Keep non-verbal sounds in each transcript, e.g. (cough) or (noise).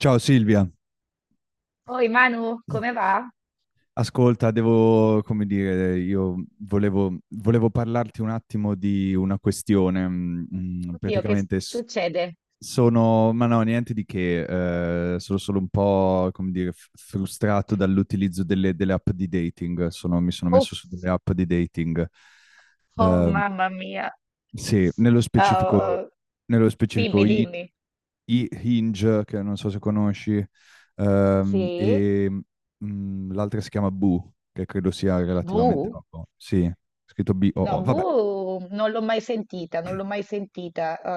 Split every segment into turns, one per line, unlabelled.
Ciao Silvia,
Oi Manu, come va?
ascolta, io volevo parlarti un attimo di una questione.
Oddio, che
Praticamente
succede?
sono, ma no, niente di che, sono solo un po', frustrato dall'utilizzo delle app di dating. Mi sono messo su delle
Uff,
app di dating.
oh
Eh,
mamma mia.
sì,
Ah,
nello specifico
dimmi, dimmi.
i Hinge, che non so se conosci,
Sì?
e l'altra si chiama Boo, che credo sia relativamente
Bu?
nuovo. Sì, scritto
No,
Boo. Vabbè,
Boo non l'ho mai sentita, non l'ho mai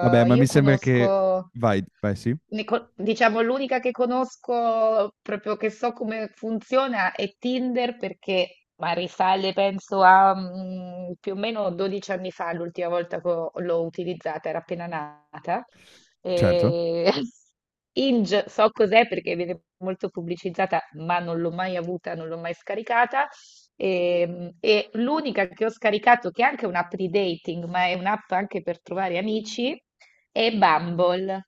vabbè, ma mi
Io
sembra che...
conosco,
Vai, vai, sì,
diciamo, l'unica che conosco proprio che so come funziona è Tinder perché, ma risale penso a più o meno 12 anni fa, l'ultima volta che l'ho utilizzata, era appena nata.
certo.
E... (laughs) Inge so cos'è perché viene molto pubblicizzata, ma non l'ho mai avuta, non l'ho mai scaricata. E l'unica che ho scaricato, che è anche un'app di dating, ma è un'app anche per trovare amici, è Bumble.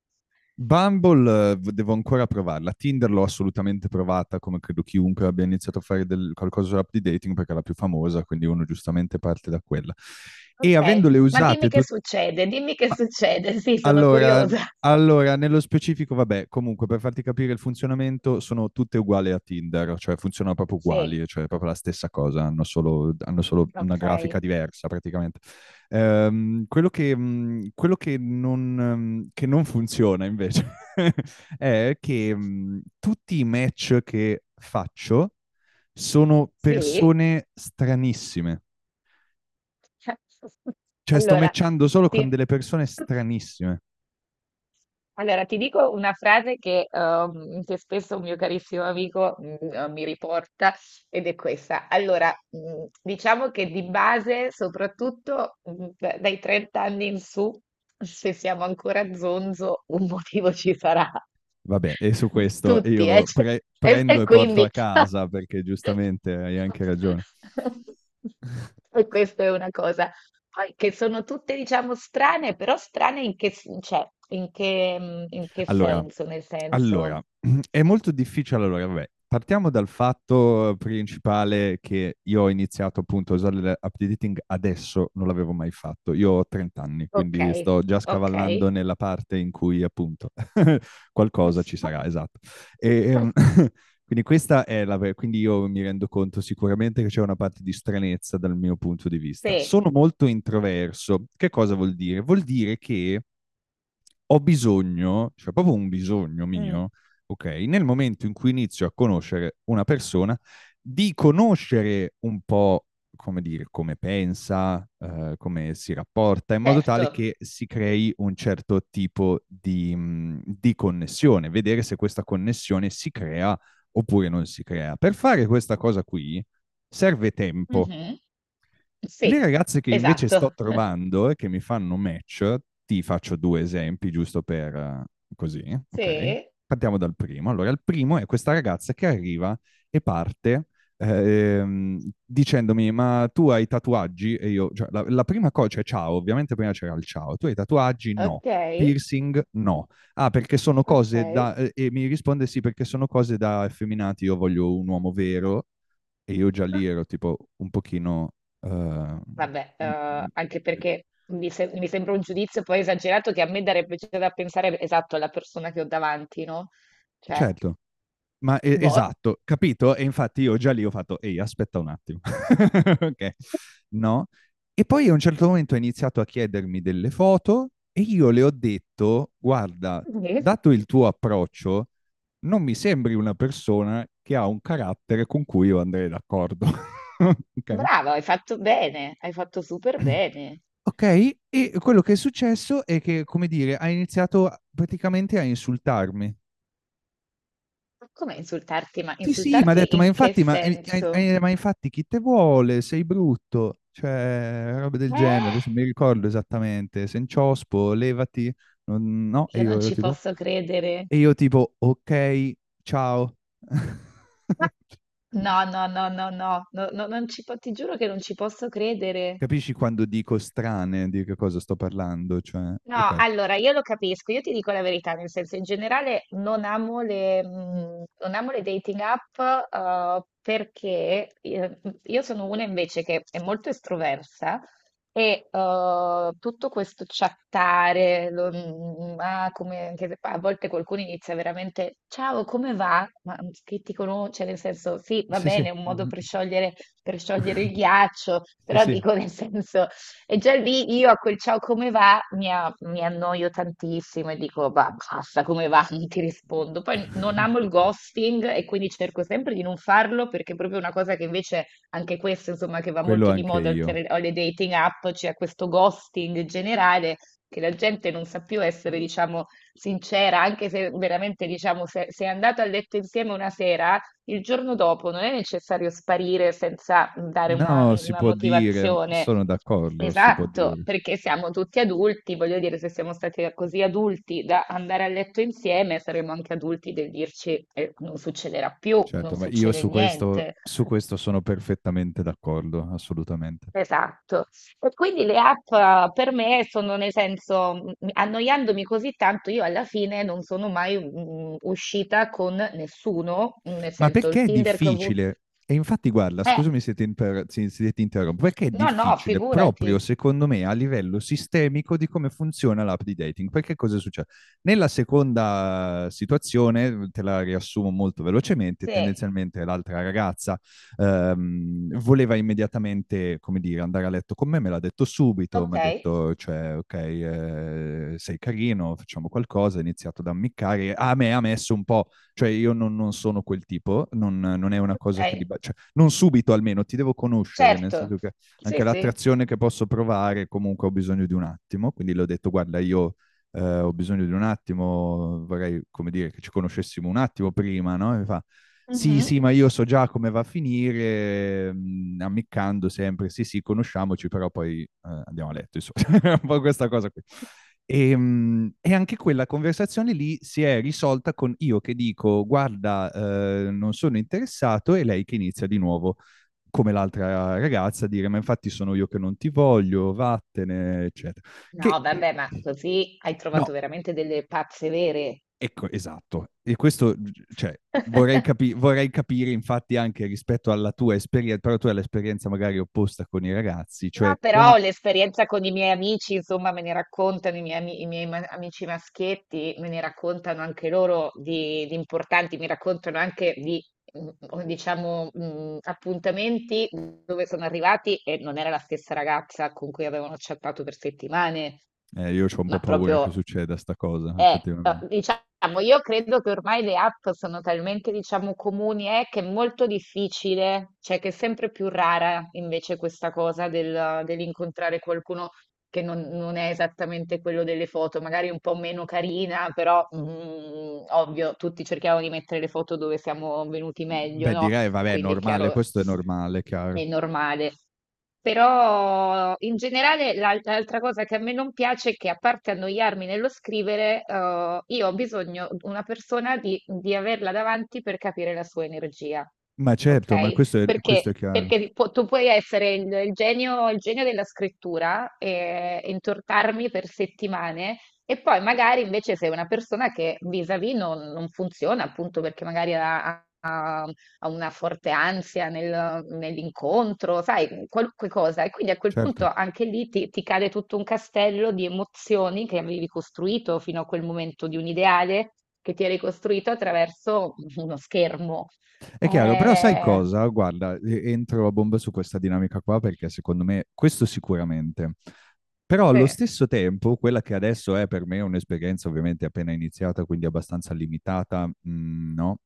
Bumble devo ancora provarla. Tinder l'ho assolutamente provata, come credo chiunque abbia iniziato a fare qualcosa sull'app di dating, perché è la più famosa, quindi uno giustamente parte da quella. E
Ok,
avendole
ma
usate tutte...
dimmi che succede, (laughs) sì, sono
Allora,
curiosa.
allora, nello specifico, vabbè, comunque per farti capire il funzionamento sono tutte uguali a Tinder, cioè funzionano proprio
Sì,
uguali, cioè è proprio la stessa cosa, hanno solo una grafica
ok.
diversa praticamente. Quello che, quello che non funziona invece (laughs) è che tutti i match che faccio sono
Sì.
persone stranissime,
(laughs)
cioè sto
Allora,
matchando solo con
ti-
delle persone
(laughs)
stranissime.
Allora, ti dico una frase che spesso un mio carissimo amico, mi riporta ed è questa. Allora, diciamo che di base, soprattutto, mhmm, d dai 30 anni in su, se siamo ancora zonzo, un motivo ci sarà. (laughs)
Vabbè, e su
Ma
questo
tutti,
io
cioè e
prendo
e
e porto
quindi
a casa perché giustamente hai anche ragione.
(laughs)
(laughs)
e questa è una cosa. Poi che sono tutte, diciamo, strane, però strane in che, cioè, in che, in che
Allora,
senso? Nel
allora,
senso,
(clears throat) è molto difficile. Allora, vabbè, partiamo dal fatto principale che io ho iniziato appunto a usare l'app di dating adesso, non l'avevo mai fatto. Io ho 30 anni,
ok,
quindi sto già
ok,
scavallando nella parte in cui appunto (laughs) qualcosa ci sarà,
(laughs)
esatto. E, ehm, (laughs) quindi questa è la... Quindi io mi rendo conto sicuramente che c'è una parte di stranezza dal mio punto di vista.
sì,
Sono molto introverso. Che cosa vuol dire? Vuol dire che ho bisogno, cioè proprio un bisogno
mm,
mio, ok, nel momento in cui inizio a conoscere una persona, di conoscere un po' come dire, come pensa, come si rapporta, in modo
certo,
tale che si crei un certo tipo di di connessione, vedere se questa connessione si crea oppure non si crea. Per fare questa cosa qui serve tempo,
mhm,
le
sì,
ragazze che invece sto
esatto,
trovando e che mi fanno match, ti faccio due esempi giusto per così, ok?
sì,
Partiamo dal primo. Allora, il primo è questa ragazza che arriva e parte dicendomi: Ma tu hai tatuaggi? E io, cioè, la prima cosa, cioè, ciao, ovviamente prima c'era il ciao, tu hai tatuaggi? No.
ok,
Piercing? No. Ah, perché sono cose da...
ok,
E mi risponde sì, perché sono cose da effeminati, io voglio un uomo vero e io già lì ero tipo un pochino... eh,
vabbè, anche perché mi, se- mi sembra un giudizio poi esagerato che a me darebbe già da pensare esatto alla persona che ho davanti, no? Cioè,
certo, ma
boh.
esatto, capito? E infatti io già lì ho fatto, ehi, aspetta un attimo. (laughs) Ok, no? E poi a un certo momento ha iniziato a chiedermi delle foto e io le ho detto, guarda,
(laughs)
dato il tuo approccio, non mi sembri una persona che ha un carattere con cui io andrei d'accordo. (laughs) Ok?
Brava, hai fatto bene, hai fatto super bene.
Ok, e quello che è successo è che, come dire, ha iniziato praticamente a insultarmi.
Ma come insultarti? Ma
Sì, sì, mi ha
insultarti
detto, ma
in che
infatti,
senso?
ma infatti chi te vuole? Sei brutto, cioè, roba del genere,
Eh?
adesso non mi ricordo esattamente, senciospo, levati, no? E
Io non
io ero
ci
tipo,
posso credere.
e io tipo, ok, ciao.
Ma-
(laughs)
No, no, no, no, no, no, no, non ci po- ti giuro che non ci posso credere.
Capisci quando dico strane di che cosa sto parlando? Cioè,
No,
ok,
allora io lo capisco, io ti dico la verità, nel senso in generale non amo le dating app, perché io sono una invece che è molto estroversa e tutto questo chattare, ah, come, anche se a volte qualcuno inizia veramente, ciao, come va? Ma che ti conosce, cioè, nel senso sì, va
sì, sì,
bene, è un modo per sciogliere il
(laughs)
ghiaccio,
sì,
però
sì.
dico nel senso... E già lì io a quel ciao come va mi annoio tantissimo e dico, va, basta, come va? (laughs) Non ti rispondo. Poi non amo il
(laughs)
ghosting e quindi cerco sempre di non farlo perché è proprio una cosa che invece anche questo, insomma, che va
Quello
molto di
anche
moda
io.
oltre alle dating app, c'è questo ghosting generale che la gente non sa più essere, diciamo, sincera, anche se veramente, diciamo, se è andato a letto insieme una sera, il giorno dopo non è necessario sparire senza dare una,
No, si
una
può dire,
motivazione.
sono d'accordo, si può
Esatto,
dire.
perché siamo tutti adulti, voglio dire, se siamo stati così adulti da andare a letto insieme, saremo anche adulti del dirci, non succederà più, non
Certo, ma io
succede
su questo,
niente.
su questo sono perfettamente d'accordo, assolutamente.
Esatto. E quindi le app, per me sono, nel senso, annoiandomi così tanto, io alla fine non sono mai uscita con nessuno, nel
Ma
senso, il
perché è
Tinder che ho avuto.
difficile? E infatti, guarda,
Eh,
scusami se ti interrompo, perché è
no, no,
difficile
figurati.
proprio secondo me a livello sistemico di come funziona l'app di dating? Perché cosa succede? Nella seconda situazione, te la riassumo molto velocemente,
Sì,
tendenzialmente l'altra ragazza voleva immediatamente, come dire, andare a letto con me, me l'ha detto subito, mi
ok,
ha detto, cioè, ok, sei carino, facciamo qualcosa, ha iniziato ad ammiccare, a me ha messo un po'. Cioè io non sono quel tipo, non è una cosa che...
ok,
Cioè, non subito almeno, ti devo conoscere, nel
certo.
senso che
Sì,
anche
sì.
l'attrazione che posso provare comunque ho bisogno di un attimo, quindi le ho detto guarda io ho bisogno di un attimo, vorrei, come dire, che ci conoscessimo un attimo prima, no? E mi fa, sì,
Mhm.
sì, ma io so già come va a finire, mm, ammiccando sempre, sì, sì, conosciamoci, però poi andiamo a letto, insomma, (laughs) un po' questa cosa qui. E anche quella conversazione lì si è risolta con io che dico, guarda, non sono interessato, e lei che inizia di nuovo come l'altra ragazza, a dire ma infatti sono io che non ti voglio, vattene, eccetera.
No,
Che
vabbè, ma così hai
no,
trovato veramente delle pazze vere.
ecco, esatto. E questo, cioè,
(laughs)
vorrei capire infatti anche rispetto alla tua esperienza, però tu hai l'esperienza magari opposta con i ragazzi,
No,
cioè qua,
però l'esperienza con i miei amici, insomma, me ne raccontano i miei amici maschietti, me ne raccontano anche loro di importanti, mi raccontano anche di o diciamo, appuntamenti dove sono arrivati e non era la stessa ragazza con cui avevano chattato per settimane,
io ho un po'
ma
paura che
proprio
succeda sta cosa, effettivamente.
diciamo io credo che ormai le app sono talmente, diciamo, comuni, che è molto difficile, cioè che è sempre più rara invece questa cosa del dell'incontrare qualcuno che non è esattamente quello delle foto, magari un po' meno carina, però, ovvio tutti cerchiamo di mettere le foto dove siamo venuti meglio,
Beh,
no,
direi, vabbè, è
quindi è
normale,
chiaro,
questo è normale,
è
chiaro.
normale. Però in generale l'altra cosa che a me non piace è che, a parte annoiarmi nello scrivere, io ho bisogno di una persona di averla davanti per capire la sua energia,
Ma certo, ma
okay?
questo è
Perché,
chiaro.
perché tu puoi essere il genio, il genio della scrittura, e intortarmi per settimane e poi magari invece sei una persona che vis-à-vis non funziona, appunto perché magari ha una forte ansia nell'incontro, sai, qualunque cosa. E quindi a quel
Certo,
punto anche lì ti cade tutto un castello di emozioni che avevi costruito fino a quel momento, di un ideale che ti eri costruito attraverso uno schermo.
è chiaro, però sai
Eh,
cosa? Guarda, entro a bomba su questa dinamica qua perché secondo me questo sicuramente, Però allo
Sì,
stesso tempo, quella che adesso è per me un'esperienza ovviamente appena iniziata, quindi abbastanza limitata, mm, no?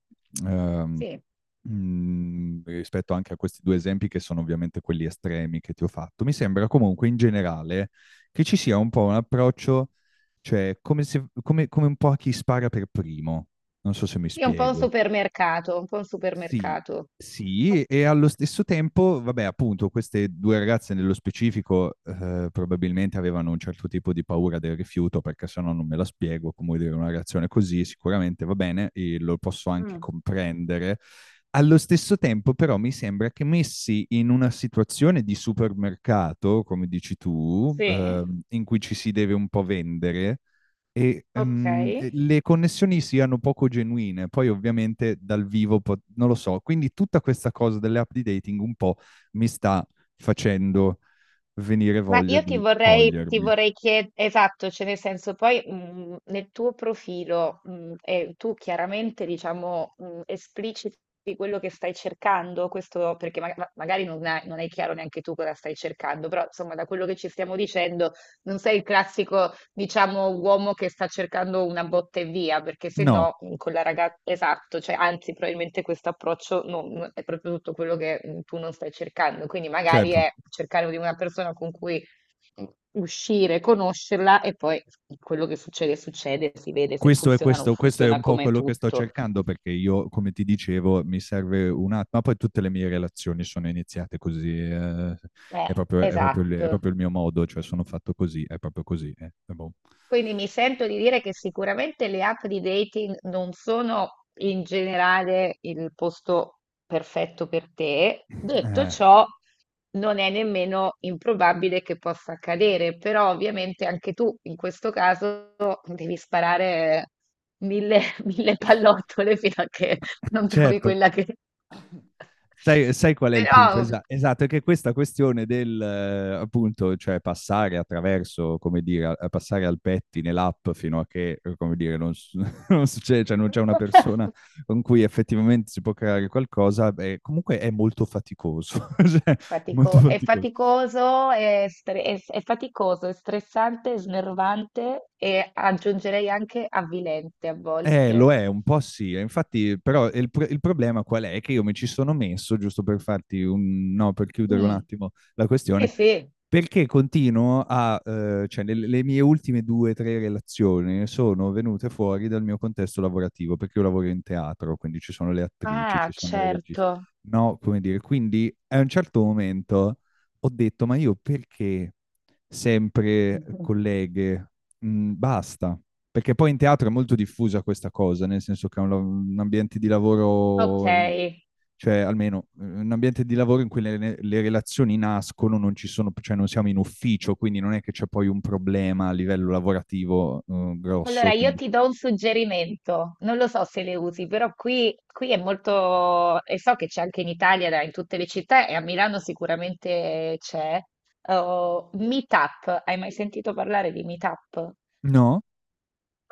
Ehm,
sì,
rispetto anche a questi due esempi che sono ovviamente quelli estremi che ti ho fatto, mi sembra comunque in generale che ci sia un po' un approccio, cioè come se- come- come un po' a chi spara per primo. Non so se mi
sì, è un po' un
spiego.
supermercato, un po' un
Sì,
supermercato.
sì, e allo stesso tempo, vabbè, appunto, queste due ragazze nello specifico probabilmente avevano un certo tipo di paura del rifiuto, perché se no non me la spiego, come dire, una reazione così sicuramente va bene e lo posso anche
Mm,
comprendere. Allo stesso tempo, però, mi sembra che messi in una situazione di supermercato, come dici tu,
Sì,
in cui ci si deve un po' vendere,
ok.
e le connessioni siano poco genuine. Poi ovviamente dal vivo non lo so. Quindi tutta questa cosa delle app di dating un po' mi sta facendo venire
Ma
voglia
io ti
di
vorrei, ti
togliermi.
vorrei chiedere, esatto, cioè nel senso poi, nel tuo profilo, e tu chiaramente, diciamo, espliciti quello che stai cercando, questo perché magari non è chiaro neanche tu cosa stai cercando, però insomma da quello che ci stiamo dicendo non sei il classico, diciamo, uomo che sta cercando una botta e via, perché se
No,
no, con la ragazza, esatto, cioè anzi probabilmente questo approccio è proprio tutto quello che tu non stai cercando, quindi magari
certo.
è cercare di una persona con cui uscire, conoscerla e poi quello che succede, succede, si vede se
Questo è,
funziona o non
questo è
funziona,
un po'
come
quello che sto
tutto.
cercando perché io, come ti dicevo, mi serve un attimo, ma poi tutte le mie relazioni sono iniziate così,
Eh,
è
esatto.
proprio il mio modo, cioè sono fatto così, è proprio così. Boh.
Quindi mi sento di dire che sicuramente le app di dating non sono, in generale, il posto perfetto per te. Detto
Eh,
ciò, non è nemmeno improbabile che possa accadere, però ovviamente anche tu in questo caso devi sparare mille, (laughs) mille pallottole fino a che non trovi
certo,
quella che... (laughs)
Sai, sai qual è il punto?
Però...
Esatto, è che questa questione del, appunto, cioè passare attraverso, come dire, a passare al pettine l'app fino a che, come dire, non, s- (laughs) non succede, cioè non c'è una persona
(laughs)
con cui effettivamente si può creare qualcosa, beh, comunque è molto faticoso, (laughs) cioè, è molto
È
faticoso.
faticoso, è faticoso, è stressante, è snervante, e aggiungerei anche avvilente a
Lo
volte.
è, un po' sì. E Infatti, però, il problema qual è? Che io mi ci sono messo, giusto per farti un... No, per chiudere un
Mm,
attimo la
sì,
questione,
sì.
perché continuo a... cioè, le mie ultime due o tre relazioni sono venute fuori dal mio contesto lavorativo, perché io lavoro in teatro, quindi ci sono le attrici, ci
Ah,
sono le registe.
certo. (laughs)
No, come dire, quindi a un certo momento ho detto, ma io perché sempre
Mhm.
colleghe? Mm, basta. Perché poi in teatro è molto diffusa questa cosa, nel senso che è un ambiente di
Ok.
lavoro, cioè almeno un ambiente di lavoro in cui le relazioni nascono, non ci sono, cioè non siamo in ufficio, quindi non è che c'è poi un problema a livello lavorativo,
Allora
grosso,
io
quindi...
ti do un suggerimento. Non lo so se le usi, però qui è molto, e so che c'è anche in Italia, in tutte le città, e a Milano sicuramente c'è. Oh, Meetup. Hai mai sentito parlare di Meetup?
No,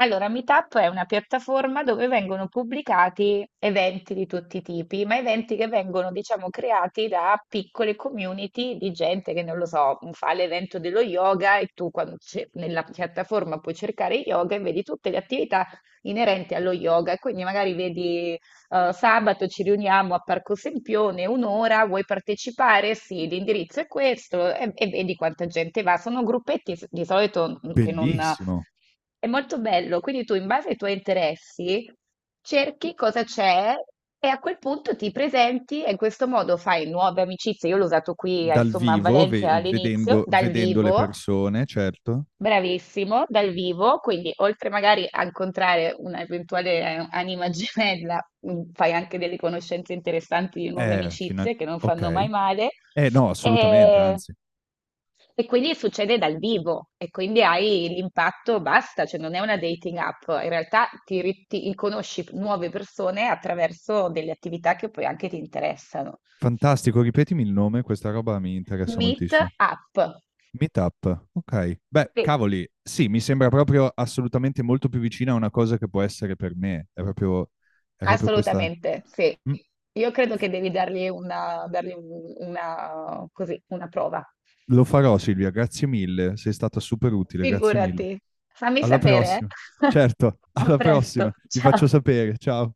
Allora, Meetup è una piattaforma dove vengono pubblicati eventi di tutti i tipi, ma eventi che vengono, diciamo, creati da piccole community di gente che, non lo so, fa l'evento dello yoga, e tu nella piattaforma puoi cercare yoga e vedi tutte le attività inerenti allo yoga. E quindi magari vedi, sabato ci riuniamo a Parco Sempione, un'ora, vuoi partecipare? Sì, l'indirizzo è questo, e vedi quanta gente va. Sono gruppetti di solito, che non
bellissimo.
è molto bello, quindi tu in base ai tuoi interessi cerchi cosa c'è e a quel punto ti presenti e in questo modo fai nuove amicizie. Io l'ho usato qui,
Dal
insomma, a
vivo,
Valencia all'inizio,
vedendo,
dal
vedendo le
vivo,
persone, certo.
bravissimo, dal vivo, quindi oltre magari a incontrare un'eventuale, anima gemella, fai anche delle conoscenze interessanti di nuove
Eh, fino-
amicizie che non fanno
ok.
mai male.
Eh no, assolutamente,
E
anzi.
e quindi succede dal vivo e quindi hai l'impatto, basta, cioè non è una dating app, in realtà ti conosci nuove persone attraverso delle attività che poi anche ti interessano.
Fantastico, ripetimi il nome, questa roba mi interessa
Meet
moltissimo.
app,
Meetup, ok. Beh,
sì,
cavoli, sì, mi sembra proprio assolutamente molto più vicina a una cosa che può essere per me. È proprio questa.
assolutamente, sì.
Mm.
Io credo che devi dargli una, così, una prova.
Lo farò, Silvia, grazie mille. Sei stata super utile, grazie mille.
Figurati. Fammi
Alla
sapere,
prossima.
eh.
Certo, (laughs)
(laughs) A
alla prossima.
presto,
Ti faccio
ciao.
sapere. Ciao.